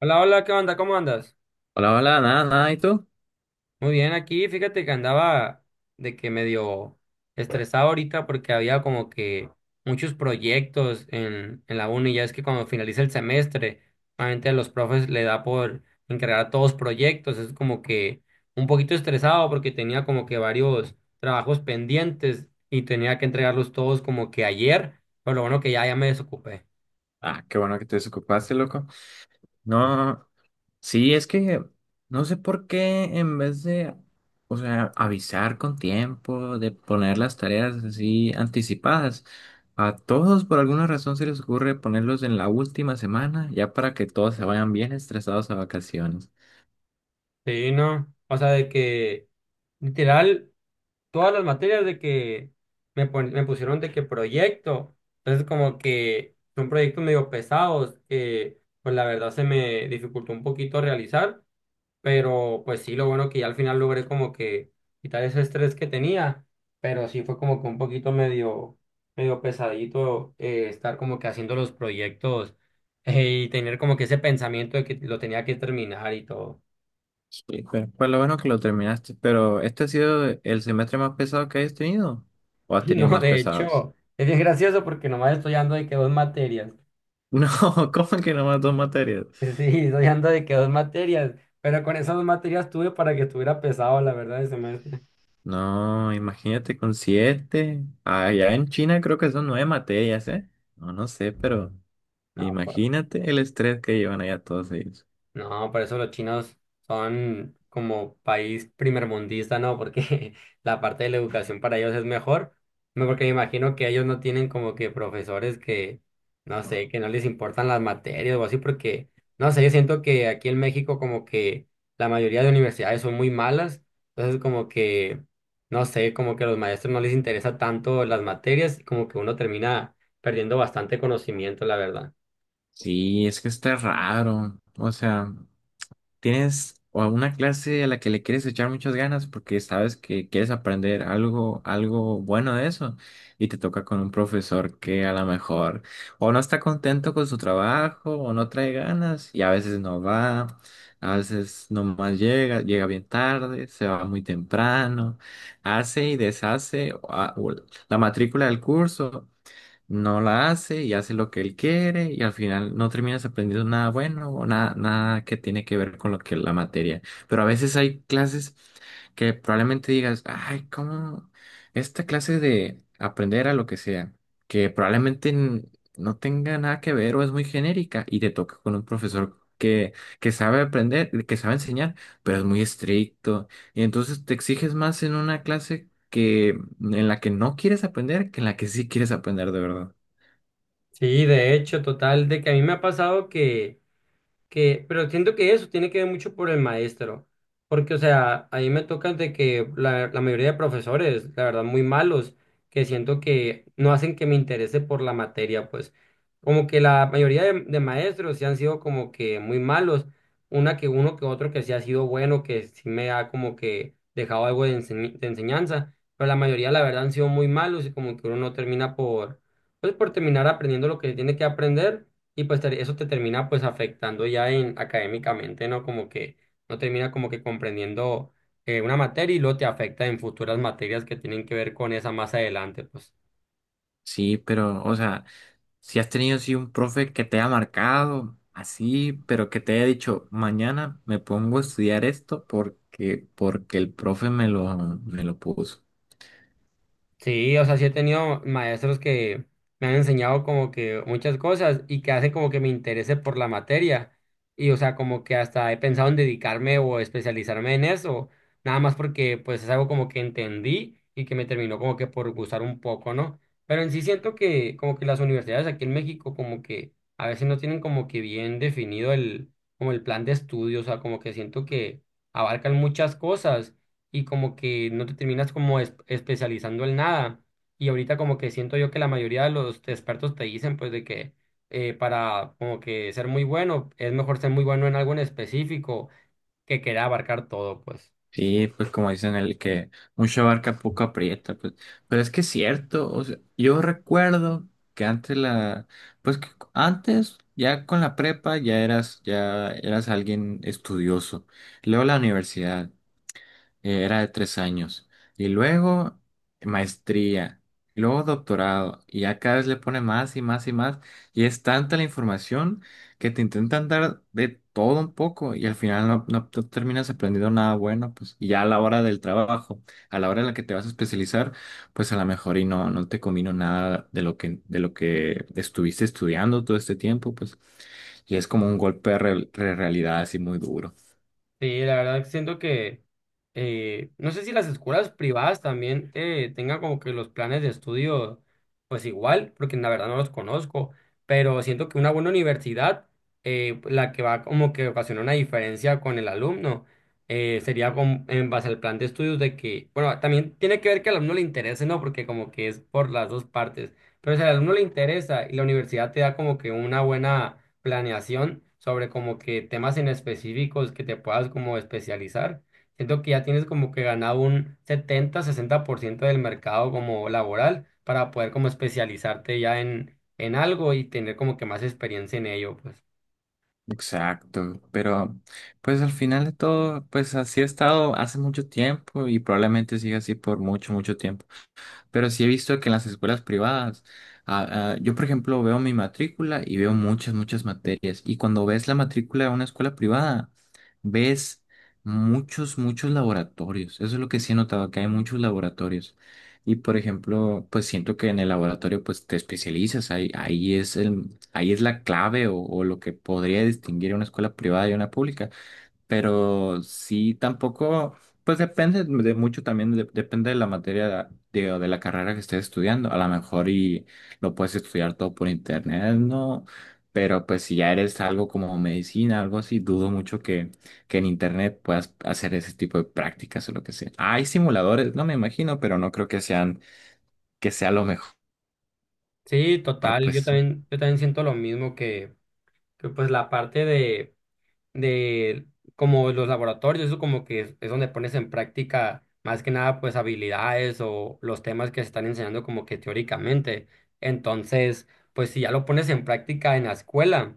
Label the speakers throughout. Speaker 1: Hola, hola, ¿qué onda? ¿Cómo andas?
Speaker 2: Hola, hola, nada, nada, ¿y tú?
Speaker 1: Muy bien, aquí fíjate que andaba de que medio estresado ahorita porque había como que muchos proyectos en la uni. Ya es que cuando finaliza el semestre, normalmente a los profes le da por encargar todos proyectos. Es como que un poquito estresado porque tenía como que varios trabajos pendientes y tenía que entregarlos todos como que ayer, pero lo bueno que ya me desocupé.
Speaker 2: Ah, qué bueno que te desocupaste, loco. No, sí, es que no sé por qué en vez de, o sea, avisar con tiempo, de poner las tareas así anticipadas, a todos por alguna razón se les ocurre ponerlos en la última semana, ya para que todos se vayan bien estresados a vacaciones.
Speaker 1: Sí, ¿no? O sea, de que literal, todas las materias de que me pusieron de que proyecto. Entonces como que son proyectos medio pesados que pues la verdad se me dificultó un poquito realizar, pero pues sí, lo bueno que ya al final logré como que quitar ese estrés que tenía, pero sí fue como que un poquito medio pesadito estar como que haciendo los proyectos y tener como que ese pensamiento de que lo tenía que terminar y todo.
Speaker 2: Sí, pero pues lo bueno que lo terminaste, pero ¿este ha sido el semestre más pesado que hayas tenido? ¿O has
Speaker 1: Y
Speaker 2: tenido
Speaker 1: no,
Speaker 2: más
Speaker 1: de
Speaker 2: pesados?
Speaker 1: hecho, es bien gracioso porque nomás estoy dando de que dos materias.
Speaker 2: No, cómo que nomás dos materias?
Speaker 1: Sí, estoy ando de que dos materias, pero con esas dos materias tuve para que estuviera pesado, la verdad, el semestre.
Speaker 2: No, imagínate con siete. Allá en China creo que son nueve materias, ¿eh? No, no sé, pero
Speaker 1: No, pues.
Speaker 2: imagínate el estrés que llevan allá todos ellos.
Speaker 1: No, por eso los chinos son como país primermundista, ¿no? Porque la parte de la educación para ellos es mejor, no, porque me imagino que ellos no tienen como que profesores que, no sé, que no les importan las materias o así, porque, no sé, yo siento que aquí en México como que la mayoría de universidades son muy malas, entonces como que, no sé, como que a los maestros no les interesa tanto las materias, como que uno termina perdiendo bastante conocimiento, la verdad.
Speaker 2: Sí, es que está raro. O sea. ¿Tienes o alguna clase a la que le quieres echar muchas ganas porque sabes que quieres aprender algo, algo bueno de eso? Y te toca con un profesor que a lo mejor o no está contento con su trabajo o no trae ganas y a veces no va, a veces nomás llega, llega bien tarde, se va muy temprano, hace y deshace o la matrícula del curso no la hace y hace lo que él quiere y al final no terminas aprendiendo nada bueno o nada, nada que tiene que ver con lo que la materia. Pero a veces hay clases que probablemente digas, ay, ¿cómo esta clase de aprender a lo que sea, que probablemente no tenga nada que ver o es muy genérica y te toca con un profesor que sabe aprender, que sabe enseñar, pero es muy estricto y entonces te exiges más en una clase que en la que no quieres aprender que en la que sí quieres aprender de verdad.
Speaker 1: Sí, de hecho, total, de que a mí me ha pasado que, pero siento que eso tiene que ver mucho por el maestro, porque, o sea, a mí me toca de que la mayoría de profesores, la verdad, muy malos, que siento que no hacen que me interese por la materia, pues, como que la mayoría de maestros sí han sido como que muy malos, una que uno que otro que sí ha sido bueno, que sí me ha como que dejado algo de enseñanza, pero la mayoría, la verdad, han sido muy malos y como que uno no termina por, pues, por terminar aprendiendo lo que tiene que aprender y pues eso te termina pues afectando ya en académicamente, ¿no? Como que no termina como que comprendiendo una materia y luego te afecta en futuras materias que tienen que ver con esa más adelante, pues.
Speaker 2: Sí, pero, o sea, si has tenido así un profe que te ha marcado así, pero que te haya dicho, mañana me pongo a estudiar esto porque el profe me lo puso.
Speaker 1: Sí, o sea, sí he tenido maestros que me han enseñado como que muchas cosas y que hacen como que me interese por la materia. Y o sea, como que hasta he pensado en dedicarme o especializarme en eso, nada más porque pues es algo como que entendí y que me terminó como que por gustar un poco, ¿no? Pero en sí siento que como que las universidades aquí en México como que a veces no tienen como que bien definido el como el plan de estudio, o sea, como que siento que abarcan muchas cosas y como que no te terminas como especializando en nada. Y ahorita como que siento yo que la mayoría de los expertos te dicen pues de que para como que ser muy bueno es mejor ser muy bueno en algo en específico que querer abarcar todo pues.
Speaker 2: Sí, pues como dicen el que mucha barca poco aprieta, pues, pero es que es cierto, o sea, yo recuerdo que antes pues que antes ya con la prepa ya eras alguien estudioso, luego la universidad era de 3 años. Y luego maestría, y luego doctorado, y ya cada vez le pone más y más y más. Y es tanta la información que te intentan dar de todo un poco y al final no, no te terminas aprendiendo nada bueno, pues y ya a la hora del trabajo, a la hora en la que te vas a especializar, pues a lo mejor y no, no te combino nada de lo que estuviste estudiando todo este tiempo, pues y es como un golpe de de realidad así muy duro.
Speaker 1: Sí, la verdad siento que no sé si las escuelas privadas también tengan como que los planes de estudio pues igual, porque la verdad no los conozco, pero siento que una buena universidad, la que va como que ocasiona una diferencia con el alumno, sería con, en base al plan de estudios de que, bueno, también tiene que ver que al alumno le interese, ¿no? Porque como que es por las dos partes, pero si al alumno le interesa y la universidad te da como que una buena planeación sobre como que temas en específicos que te puedas como especializar. Siento que ya tienes como que ganado un setenta 60% del mercado como laboral para poder como especializarte ya en algo y tener como que más experiencia en ello, pues.
Speaker 2: Exacto, pero pues al final de todo, pues así ha estado hace mucho tiempo y probablemente siga así por mucho, mucho tiempo. Pero sí he visto que en las escuelas privadas, ah, ah, yo por ejemplo veo mi matrícula y veo muchas, muchas materias. Y cuando ves la matrícula de una escuela privada, ves muchos, muchos laboratorios. Eso es lo que sí he notado, que hay muchos laboratorios. Y por ejemplo, pues siento que en el laboratorio pues te especializas, ahí, ahí es la clave o lo que podría distinguir a una escuela privada y a una pública, pero sí tampoco, pues depende de mucho también, depende de la materia de, o de la carrera que estés estudiando. A lo mejor y lo puedes estudiar todo por internet, ¿no? Pero pues si ya eres algo como medicina, algo así, dudo mucho que en internet puedas hacer ese tipo de prácticas o lo que sea. Hay simuladores, no me imagino, pero no creo que sean, que sea lo mejor,
Speaker 1: Sí, total, yo
Speaker 2: pues.
Speaker 1: también, yo también siento lo mismo que, pues la parte de como los laboratorios, eso como que es donde pones en práctica más que nada pues habilidades o los temas que se están enseñando como que teóricamente. Entonces, pues si ya lo pones en práctica en la escuela,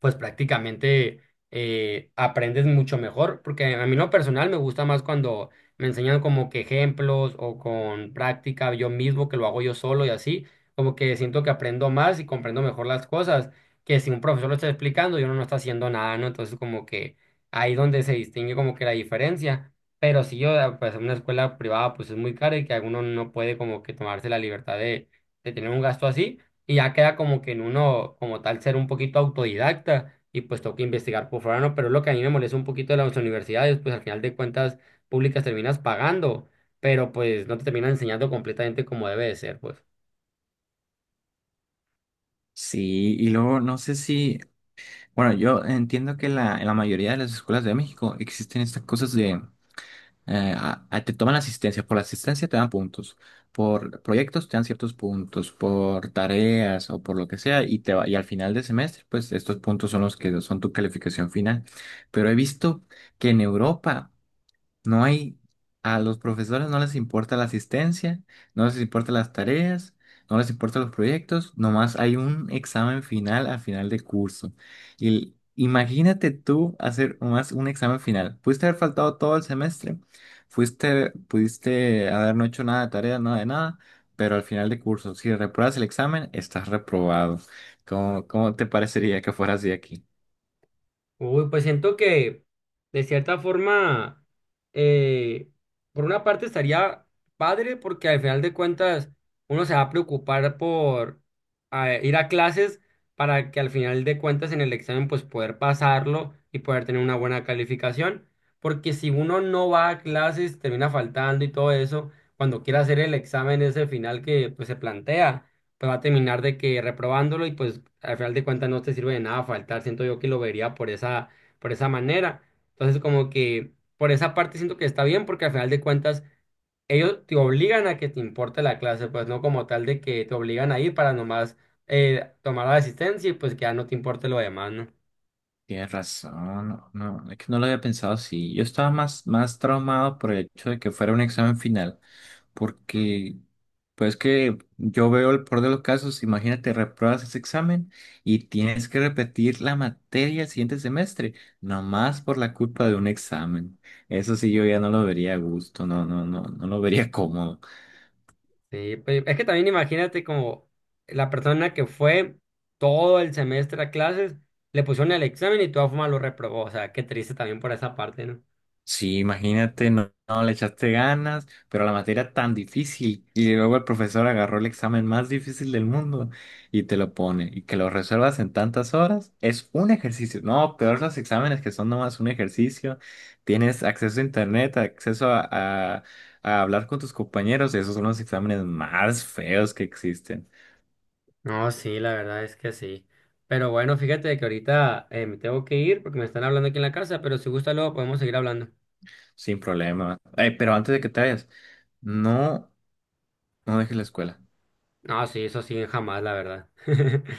Speaker 1: pues prácticamente aprendes mucho mejor, porque a mí en lo personal me gusta más cuando me enseñan como que ejemplos o con práctica yo mismo, que lo hago yo solo y así, como que siento que aprendo más y comprendo mejor las cosas, que si un profesor lo está explicando y uno no está haciendo nada, ¿no? Entonces como que ahí donde se distingue como que la diferencia. Pero si yo, pues en una escuela privada pues es muy cara y que alguno no puede como que tomarse la libertad de tener un gasto así y ya queda como que en uno, como tal, ser un poquito autodidacta y pues toca investigar por fuera, ¿no? Pero es lo que a mí me molesta un poquito de las universidades, pues al final de cuentas públicas terminas pagando, pero pues no te terminan enseñando completamente como debe de ser, pues.
Speaker 2: Sí, y luego no sé si, bueno, yo entiendo que en la mayoría de las escuelas de México existen estas cosas te toman asistencia, por la asistencia te dan puntos, por proyectos te dan ciertos puntos, por tareas o por lo que sea, y, y al final de semestre, pues estos puntos son los que son tu calificación final. Pero he visto que en Europa no hay, a los profesores no les importa la asistencia, no les importa las tareas, no les importan los proyectos, nomás hay un examen final al final de curso. Y el- imagínate tú hacer nomás un examen final. Pudiste haber faltado todo el semestre, fuiste, pudiste haber no hecho nada de tarea, nada de nada, pero al final de curso, si repruebas el examen, estás reprobado. ¿Cómo te parecería que fuera así aquí?
Speaker 1: Uy, pues siento que de cierta forma, eh, por una parte estaría padre porque al final de cuentas uno se va a preocupar por ir a clases para que al final de cuentas en el examen pues poder pasarlo y poder tener una buena calificación. Porque si uno no va a clases, termina faltando y todo eso, cuando quiera hacer el examen ese final que pues se plantea pues va a terminar de que reprobándolo y pues al final de cuentas no te sirve de nada faltar. Siento yo que lo vería por esa manera. Entonces como que por esa parte siento que está bien porque al final de cuentas ellos te obligan a que te importe la clase, pues no como tal de que te obligan a ir para nomás tomar la asistencia y pues que ya no te importe lo demás, ¿no?
Speaker 2: Tienes razón, no, no, es que no lo había pensado así. Yo estaba más, más traumado por el hecho de que fuera un examen final, porque pues que yo veo el peor de los casos, imagínate, repruebas ese examen y tienes que repetir la materia el siguiente semestre, nomás por la culpa de un examen. Eso sí, yo ya no lo vería a gusto, no, no, no, no lo vería cómodo.
Speaker 1: Sí, pues es que también imagínate como la persona que fue todo el semestre a clases, le pusieron el examen y de todas formas lo reprobó, o sea, qué triste también por esa parte, ¿no?
Speaker 2: Sí, imagínate, no, no le echaste ganas, pero la materia era tan difícil y luego el profesor agarró el examen más difícil del mundo y te lo pone y que lo resuelvas en tantas horas es un ejercicio. No, peor los exámenes que son nomás un ejercicio. Tienes acceso a internet, acceso a, a hablar con tus compañeros. Esos son los exámenes más feos que existen,
Speaker 1: No, sí, la verdad es que sí. Pero bueno, fíjate que ahorita me tengo que ir porque me están hablando aquí en la casa, pero si gusta luego podemos seguir hablando.
Speaker 2: sin problema. Pero antes de que te vayas, no, no dejes la escuela.
Speaker 1: No, sí, eso sí, jamás, la verdad.